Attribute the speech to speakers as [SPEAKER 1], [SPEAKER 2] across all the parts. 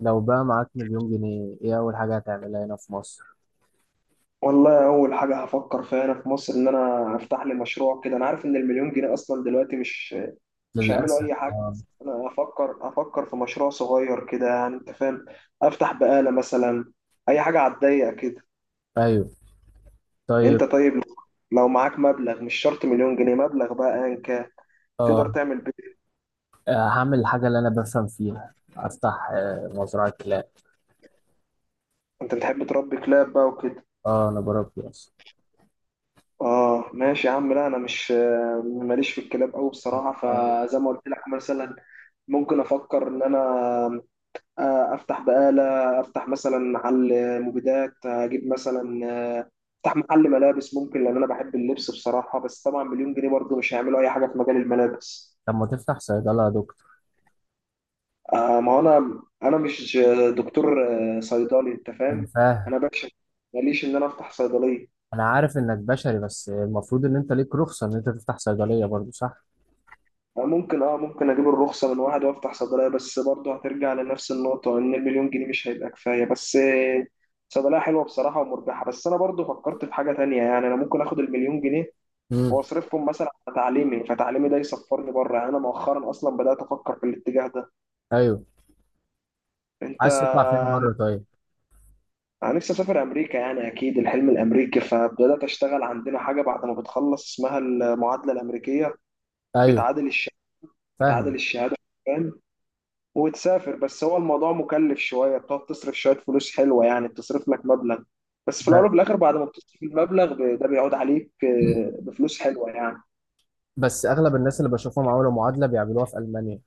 [SPEAKER 1] لو بقى معاك مليون جنيه ايه اول حاجة هتعملها هنا في مصر؟
[SPEAKER 2] والله اول حاجه هفكر فيها هنا في مصر ان انا افتح لي مشروع كده. انا عارف ان المليون جنيه اصلا دلوقتي مش هيعملوا
[SPEAKER 1] للأسف
[SPEAKER 2] اي حاجه.
[SPEAKER 1] اه.
[SPEAKER 2] بس انا افكر في مشروع صغير كده، يعني انت فاهم. افتح بقاله مثلا، اي حاجه على الضيق كده.
[SPEAKER 1] ايوه. طيب.
[SPEAKER 2] انت طيب، لو معاك مبلغ مش شرط مليون جنيه، مبلغ بقى ايا كان تقدر
[SPEAKER 1] اه
[SPEAKER 2] تعمل بيه.
[SPEAKER 1] هعمل الحاجة اللي انا بفهم فيها، افتح مزرعة كلاب.
[SPEAKER 2] انت بتحب تربي كلاب بقى وكده.
[SPEAKER 1] اه انا بربي اصلا.
[SPEAKER 2] اه ماشي يا عم. لا انا مش، ماليش في الكلاب قوي بصراحه.
[SPEAKER 1] آه،
[SPEAKER 2] فزي ما قلت لك، مثلا ممكن افكر ان انا افتح بقالة، افتح مثلا محل مبيدات، اجيب مثلا آه، افتح محل ملابس ممكن لان انا بحب اللبس بصراحة. بس طبعا مليون جنيه برضه مش هيعملوا اي حاجة في مجال الملابس.
[SPEAKER 1] طب ما تفتح صيدلة يا دكتور؟
[SPEAKER 2] ما هو انا مش دكتور. صيدلي، انت
[SPEAKER 1] انا
[SPEAKER 2] فاهم.
[SPEAKER 1] فاهم.
[SPEAKER 2] انا بكشف، ماليش ان انا افتح صيدلية.
[SPEAKER 1] انا عارف انك بشري، بس المفروض ان انت ليك رخصة ان انت تفتح صيدلية برضو، صح؟
[SPEAKER 2] ممكن، ممكن اجيب الرخصة من واحد وافتح صيدلية. بس برضه هترجع لنفس النقطة ان المليون جنيه مش هيبقى كفاية. بس صيدلية حلوة بصراحة ومربحة. بس انا برضه فكرت في حاجة تانية، يعني انا ممكن اخد المليون جنيه
[SPEAKER 1] امم.
[SPEAKER 2] واصرفهم مثلا على تعليمي. فتعليمي ده يسفرني بره، يعني انا مؤخرا اصلا بدات افكر في الاتجاه ده.
[SPEAKER 1] ايوه،
[SPEAKER 2] انت،
[SPEAKER 1] عايز تطلع فين بره طيب؟
[SPEAKER 2] انا نفسي اسافر امريكا، يعني اكيد الحلم الامريكي. فبدات اشتغل عندنا حاجه بعد ما بتخلص اسمها المعادله الامريكيه،
[SPEAKER 1] ايوه،
[SPEAKER 2] بتعادل الشهاده،
[SPEAKER 1] فاهمك.
[SPEAKER 2] بتعادل الشهاده. فاهم؟ وتسافر. بس هو الموضوع مكلف شويه، بتقعد تصرف شويه فلوس حلوه يعني، بتصرف لك مبلغ. بس في الاول
[SPEAKER 1] ب-
[SPEAKER 2] وفي الاخر بعد ما بتصرف المبلغ ده بيعود عليك بفلوس حلوه يعني.
[SPEAKER 1] بس اغلب الناس اللي بشوفهم عملوا معادلة بيعملوها في ألمانيا.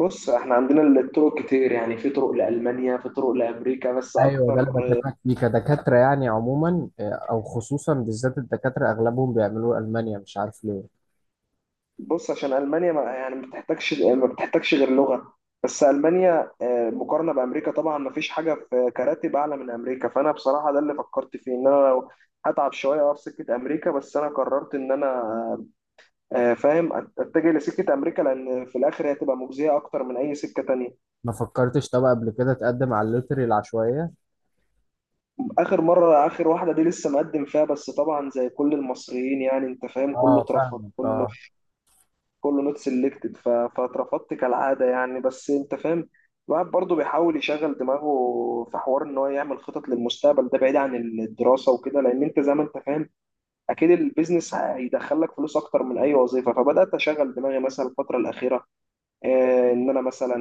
[SPEAKER 2] بص احنا عندنا الطرق كتير، يعني في طرق لألمانيا، في طرق لأمريكا بس
[SPEAKER 1] ايوه، ده اللي
[SPEAKER 2] أكتر.
[SPEAKER 1] بكلمك فيه كدكاتره يعني، عموما او خصوصا بالذات الدكاتره اغلبهم بيعملوه المانيا، مش عارف ليه.
[SPEAKER 2] بص عشان ألمانيا ما يعني ما بتحتاجش غير لغة بس. ألمانيا مقارنة بأمريكا طبعا ما فيش حاجة في كراتب أعلى من أمريكا، فأنا بصراحة ده اللي فكرت فيه، إن أنا لو هتعب شوية أقف سكة أمريكا. بس أنا قررت إن أنا فاهم، أتجه لسكة أمريكا، لأن في الآخر هي هتبقى مجزية أكتر من أي سكة تانية.
[SPEAKER 1] ما فكرتش طب قبل كده تقدم على اللوتري العشوائيه؟
[SPEAKER 2] آخر مرة، آخر واحدة دي لسه مقدم فيها. بس طبعا زي كل المصريين، يعني أنت فاهم، كله
[SPEAKER 1] اه
[SPEAKER 2] اترفض،
[SPEAKER 1] فاهمك،
[SPEAKER 2] كله
[SPEAKER 1] اه.
[SPEAKER 2] كله نوت سيلكتد، فاترفضت كالعاده يعني. بس انت فاهم، الواحد برضه بيحاول يشغل دماغه في حوار ان هو يعمل خطط للمستقبل، ده بعيد عن الدراسه وكده. لان انت زي ما انت فاهم، اكيد البيزنس هيدخلك فلوس اكتر من اي وظيفه. فبدات اشغل دماغي مثلا الفتره الاخيره ان انا مثلا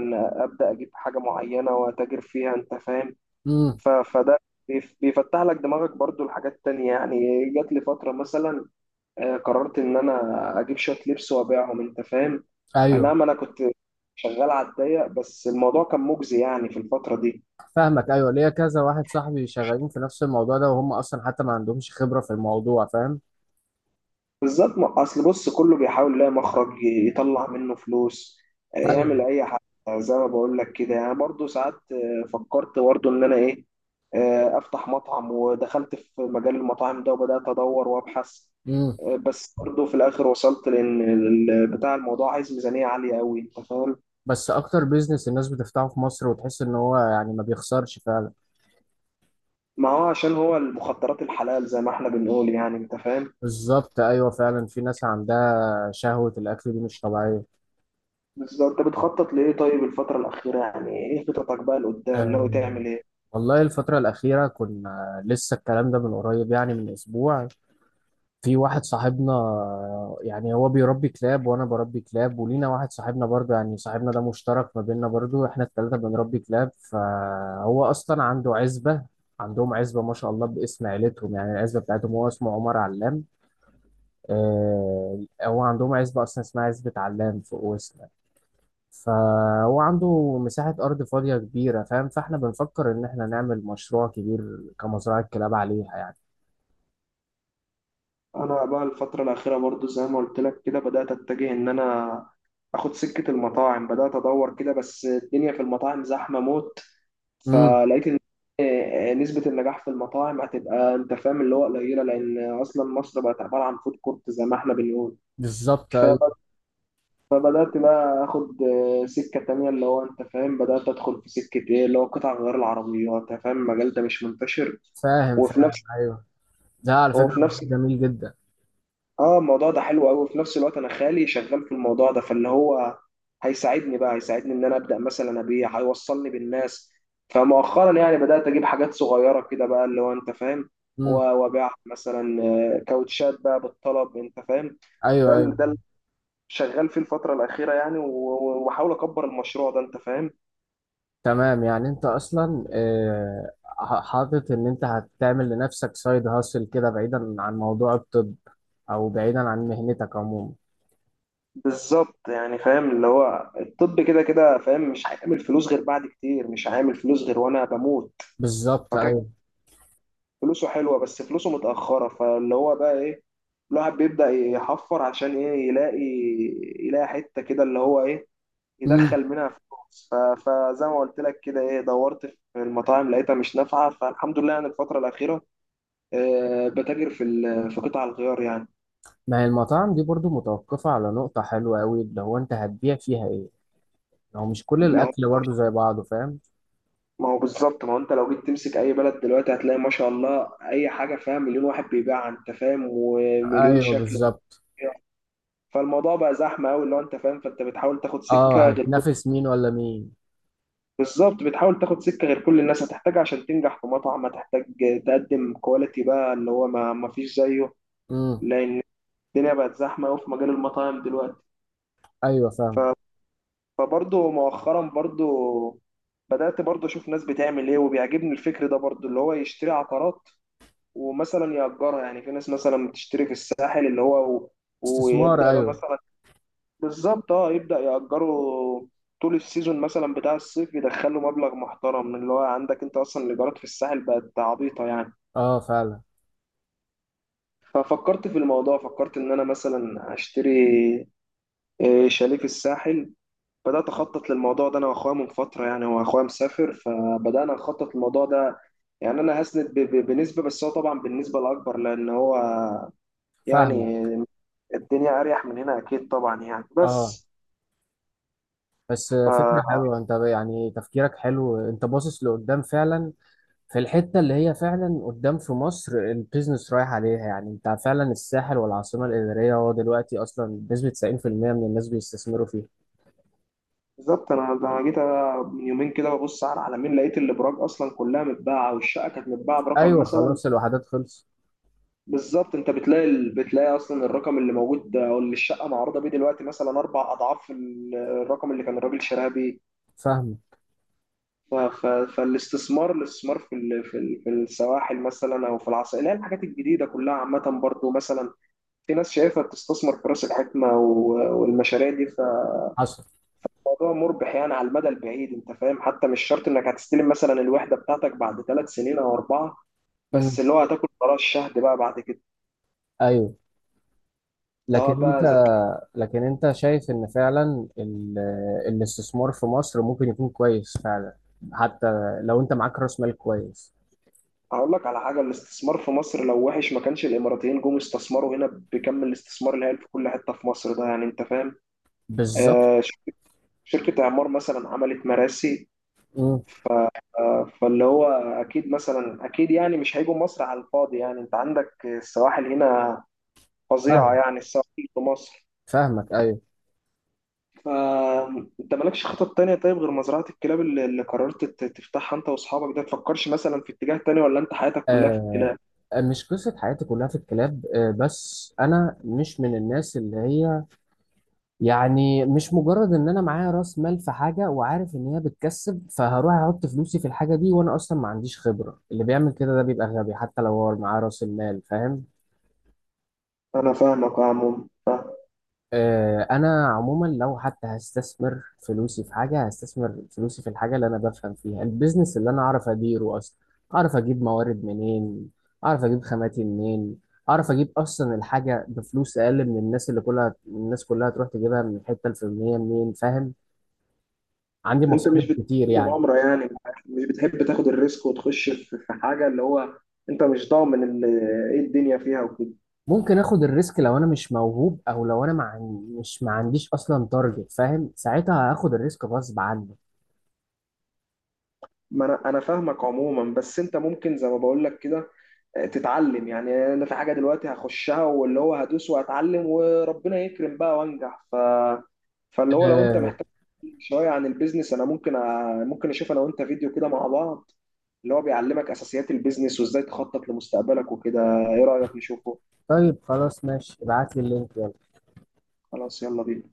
[SPEAKER 2] ابدا اجيب حاجه معينه واتاجر فيها، انت فاهم.
[SPEAKER 1] امم.
[SPEAKER 2] فده بيفتح لك دماغك برضو لحاجات تانية يعني. جات لي فترة مثلا قررت ان انا اجيب شويه لبس وابيعهم، انت فاهم. انا،
[SPEAKER 1] ايوه
[SPEAKER 2] ما انا كنت شغال على الضيق، بس الموضوع كان مجزي يعني في الفتره دي
[SPEAKER 1] فاهمك. ايوه ليا كذا واحد صاحبي شغالين في نفس الموضوع ده، وهم اصلا حتى ما عندهمش خبره في الموضوع، فاهم؟
[SPEAKER 2] بالذات. اصل بص كله بيحاول يلاقي مخرج يطلع منه فلوس،
[SPEAKER 1] ايوه.
[SPEAKER 2] يعمل اي حاجه زي ما بقول لك كده يعني. برضه ساعات فكرت برضه ان انا ايه، افتح مطعم. ودخلت في مجال المطاعم ده وبدات ادور وابحث.
[SPEAKER 1] امم.
[SPEAKER 2] بس برضه في الاخر وصلت لان بتاع الموضوع عايز ميزانيه عاليه قوي، انت فاهم.
[SPEAKER 1] بس اكتر بيزنس الناس بتفتحه في مصر وتحس ان هو يعني ما بيخسرش فعلا.
[SPEAKER 2] ما هو عشان هو المخدرات الحلال زي ما احنا بنقول يعني، انت فاهم.
[SPEAKER 1] بالظبط، ايوه فعلا، في ناس عندها شهوه الاكل دي مش طبيعيه.
[SPEAKER 2] بس انت بتخطط لايه طيب الفترة الأخيرة؟ يعني ايه خططك بقى لقدام، ناوي
[SPEAKER 1] آه،
[SPEAKER 2] تعمل ايه؟
[SPEAKER 1] والله الفترة الأخيرة كنا لسه الكلام ده من قريب، يعني من أسبوع. في واحد صاحبنا، يعني هو بيربي كلاب وأنا بربي كلاب، ولينا واحد صاحبنا برضه، يعني صاحبنا ده مشترك ما بيننا، برضه إحنا التلاتة بنربي كلاب، فهو أصلا عنده عزبة. عندهم عزبة ما شاء الله باسم عيلتهم، يعني العزبة بتاعتهم، هو اسمه عمر علام. هو عندهم عزبة أصلا اسمها عزبة علام فوق وسط. فهو عنده مساحة أرض فاضية كبيرة، فاهم؟ فاحنا بنفكر إن احنا نعمل مشروع كبير كمزرعة كلاب عليها يعني.
[SPEAKER 2] انا بقى الفترة الأخيرة برضو زي ما قلت لك كده بدأت اتجه ان انا اخد سكة المطاعم، بدأت ادور كده. بس الدنيا في المطاعم زحمة موت.
[SPEAKER 1] امم.
[SPEAKER 2] فلقيت ان نسبة النجاح في المطاعم هتبقى انت فاهم اللي هو قليلة، لان اصلا مصر بقت عبارة عن فود كورت زي ما احنا بنقول.
[SPEAKER 1] بالظبط أيوه.
[SPEAKER 2] فبدأت بقى اخد سكة تانية اللي هو انت فاهم، بدأت ادخل في سكة ايه اللي هو قطع غيار العربيات، انت فاهم. المجال ده مش منتشر.
[SPEAKER 1] فاهم
[SPEAKER 2] وفي
[SPEAKER 1] فاهم،
[SPEAKER 2] نفس
[SPEAKER 1] أيوه، ده على فكرة
[SPEAKER 2] وفي نفس
[SPEAKER 1] مجال جميل جدا.
[SPEAKER 2] اه الموضوع ده حلو قوي. وفي نفس الوقت انا خالي شغال في الموضوع ده، فاللي هو هيساعدني ان انا ابدأ مثلا ابيع، هيوصلني بالناس. فمؤخرا يعني بدأت اجيب حاجات صغيرة كده بقى، اللي هو انت فاهم، و-
[SPEAKER 1] امم.
[SPEAKER 2] وابيع مثلا كاوتشات بقى بالطلب، انت فاهم. ده
[SPEAKER 1] أيوه أيوه.
[SPEAKER 2] ال- ده ال- شغال فيه الفترة الأخيرة يعني. وبحاول أكبر المشروع ده أنت فاهم.
[SPEAKER 1] تمام، يعني أنت أصلا حاطط إن أنت هتعمل لنفسك سايد هاسل كده بعيدا عن موضوع الطب، أو بعيدا عن مهنتك عموما.
[SPEAKER 2] بالظبط، يعني فاهم اللي هو الطب كده كده فاهم مش هيعمل فلوس غير بعد كتير، مش هيعمل فلوس غير وانا بموت.
[SPEAKER 1] بالظبط
[SPEAKER 2] فكان
[SPEAKER 1] أيوه.
[SPEAKER 2] فلوسه حلوه بس فلوسه متاخره. فاللي هو بقى ايه، الواحد بيبدا يحفر عشان ايه، يلاقي، يلاقي حته كده اللي هو ايه،
[SPEAKER 1] امم.
[SPEAKER 2] يدخل منها فلوس. فزي ما قلت لك كده ايه، دورت في المطاعم لقيتها مش نافعه. فالحمد لله يعني الفتره الاخيره بتاجر في في قطع الغيار.
[SPEAKER 1] ما هي المطاعم دي برضو متوقفة على نقطة حلوة أوي، اللي هو أنت هتبيع فيها إيه؟ هو مش كل
[SPEAKER 2] يعني
[SPEAKER 1] الاكل برضه زي بعضه، فاهم؟
[SPEAKER 2] ما هو بالظبط، ما هو انت لو جيت تمسك اي بلد دلوقتي هتلاقي ما شاء الله اي حاجه فيها مليون واحد بيبيعها، انت فاهم، ومليون
[SPEAKER 1] ايوه
[SPEAKER 2] شكل
[SPEAKER 1] بالظبط.
[SPEAKER 2] وبتاع. فالموضوع بقى زحمه قوي اللي هو انت فاهم. فانت بتحاول تاخد
[SPEAKER 1] اه
[SPEAKER 2] سكه غير كل...
[SPEAKER 1] هتنافس مين ولا مين؟
[SPEAKER 2] بالظبط، بتحاول تاخد سكه غير كل الناس. هتحتاجها عشان تنجح في مطعم، هتحتاج تقدم كواليتي بقى اللي هو ما فيش زيه،
[SPEAKER 1] امم.
[SPEAKER 2] لان الدنيا بقت زحمه قوي في مجال المطاعم دلوقتي.
[SPEAKER 1] ايوه فاهم.
[SPEAKER 2] فبرضه مؤخرا برضه بدأت برضه أشوف ناس بتعمل إيه. وبيعجبني الفكر ده برضه اللي هو يشتري عقارات، ومثلا يأجرها. يعني في ناس مثلا بتشتري في الساحل اللي هو،
[SPEAKER 1] استثمار،
[SPEAKER 2] ويبدأ بقى
[SPEAKER 1] ايوه.
[SPEAKER 2] مثلا بالظبط، اه، يبدأ يأجره طول السيزون مثلا بتاع الصيف، يدخله مبلغ محترم. من اللي هو عندك، انت اصلا الايجارات في الساحل بقت عبيطة يعني.
[SPEAKER 1] اه فعلا.
[SPEAKER 2] ففكرت في الموضوع، فكرت ان انا مثلا اشتري شاليه في الساحل. بدأت أخطط للموضوع ده أنا وأخويا من فترة. يعني هو أخويا مسافر فبدأنا نخطط للموضوع ده. يعني أنا هسند بنسبة، بس هو طبعا بالنسبة الأكبر، لأن هو يعني
[SPEAKER 1] فاهمك،
[SPEAKER 2] الدنيا اريح من هنا اكيد طبعا يعني.
[SPEAKER 1] اه.
[SPEAKER 2] بس
[SPEAKER 1] بس فكره
[SPEAKER 2] ف
[SPEAKER 1] حلوه، انت يعني تفكيرك حلو، انت باصص لقدام فعلا، في الحته اللي هي فعلا قدام في مصر البيزنس رايح عليها، يعني انت فعلا الساحل والعاصمه الاداريه هو دلوقتي اصلا بنسبه 90% من الناس بيستثمروا فيها.
[SPEAKER 2] بالظبط، انا جيت من يومين كده ببص على العلمين، لقيت الابراج اصلا كلها متباعه، والشقه كانت متباعه برقم
[SPEAKER 1] ايوه
[SPEAKER 2] مثلا.
[SPEAKER 1] خلاص، الوحدات خلص.
[SPEAKER 2] بالظبط، انت بتلاقي بتلاقي اصلا الرقم اللي موجود ده او اللي الشقه معروضه بيه دلوقتي مثلا 4 أضعاف الرقم اللي كان الراجل شراها بيه.
[SPEAKER 1] فاهم.
[SPEAKER 2] ف- ف- فالاستثمار، الاستثمار في ال- في ال- في السواحل مثلا، او في العصائر اللي هي الحاجات الجديده كلها عامه برضو. مثلا في ناس شايفها بتستثمر في راس الحكمه والمشاريع دي.
[SPEAKER 1] حصل.
[SPEAKER 2] الموضوع مربح يعني على المدى البعيد، انت فاهم. حتى مش شرط انك هتستلم مثلا الوحده بتاعتك بعد 3 سنين او 4. بس
[SPEAKER 1] امم.
[SPEAKER 2] اللي هو هتاكل براء الشهد بقى بعد كده،
[SPEAKER 1] ايوه. لكن
[SPEAKER 2] سواء
[SPEAKER 1] انت،
[SPEAKER 2] بقى زك...
[SPEAKER 1] لكن انت شايف ان فعلا الاستثمار في مصر ممكن يكون كويس فعلا، حتى لو انت معاك راس مال كويس؟
[SPEAKER 2] هقول لك على حاجه، الاستثمار في مصر لو وحش ما كانش الاماراتيين جم استثمروا هنا بكم الاستثمار الهائل في كل حته في مصر ده، يعني انت فاهم.
[SPEAKER 1] بالظبط.
[SPEAKER 2] آه شركه اعمار مثلا عملت مراسي.
[SPEAKER 1] مم،
[SPEAKER 2] ف... فاللي هو اكيد يعني مش هيجوا مصر على الفاضي. يعني انت عندك السواحل هنا فظيعه،
[SPEAKER 1] فاهم.
[SPEAKER 2] يعني السواحل في مصر.
[SPEAKER 1] فاهمك، ايوه.
[SPEAKER 2] فانت مالكش خطط تانية طيب غير مزرعة الكلاب اللي قررت تفتحها انت واصحابك ده؟ تفكرش مثلا في اتجاه تاني، ولا انت حياتك كلها في
[SPEAKER 1] آه.
[SPEAKER 2] الكلاب؟
[SPEAKER 1] آه، مش قصه حياتي كلها في الكلاب، آه بس انا مش من الناس اللي هي، يعني مش مجرد ان انا معايا راس مال في حاجه وعارف ان هي بتكسب فهروح احط فلوسي في الحاجه دي وانا اصلا ما عنديش خبره. اللي بيعمل كده ده بيبقى غبي حتى لو هو معاه راس المال، فاهم؟
[SPEAKER 2] انا فاهمك يا عموما،
[SPEAKER 1] انا عموما لو حتى هستثمر فلوسي في حاجه، هستثمر فلوسي في الحاجه اللي انا بفهم فيها، البيزنس اللي انا اعرف اديره اصلا، اعرف اجيب موارد منين، اعرف اجيب خاماتي منين، اعرف اجيب اصلا الحاجه بفلوس اقل من الناس اللي كلها، الناس كلها تروح تجيبها من الحته الفلانيه منين، فاهم؟ عندي
[SPEAKER 2] انت مش
[SPEAKER 1] مصاريف
[SPEAKER 2] بتحب
[SPEAKER 1] كتير يعني.
[SPEAKER 2] مغامرة يعني، مش بتحب تاخد الريسك وتخش في حاجة اللي هو انت مش ضامن ايه الدنيا فيها وكده.
[SPEAKER 1] ممكن اخد الريسك لو انا مش موهوب، او لو انا مع... مش ما عنديش اصلا تارجت، فاهم؟ ساعتها هاخد الريسك غصب عني.
[SPEAKER 2] ما انا فاهمك عموما. بس انت ممكن زي ما بقول لك كده تتعلم يعني. انا في حاجه دلوقتي هخشها، واللي هو هدوس واتعلم وربنا يكرم بقى وانجح. فاللي هو لو انت
[SPEAKER 1] أه...
[SPEAKER 2] محتاج شويه عن البيزنس انا ممكن ممكن اشوف انا وانت فيديو كده مع بعض اللي هو بيعلمك اساسيات البيزنس وازاي تخطط لمستقبلك وكده. ايه رايك نشوفه؟
[SPEAKER 1] طيب خلاص ماشي، ابعت لي اللينك يلا.
[SPEAKER 2] خلاص يلا بينا.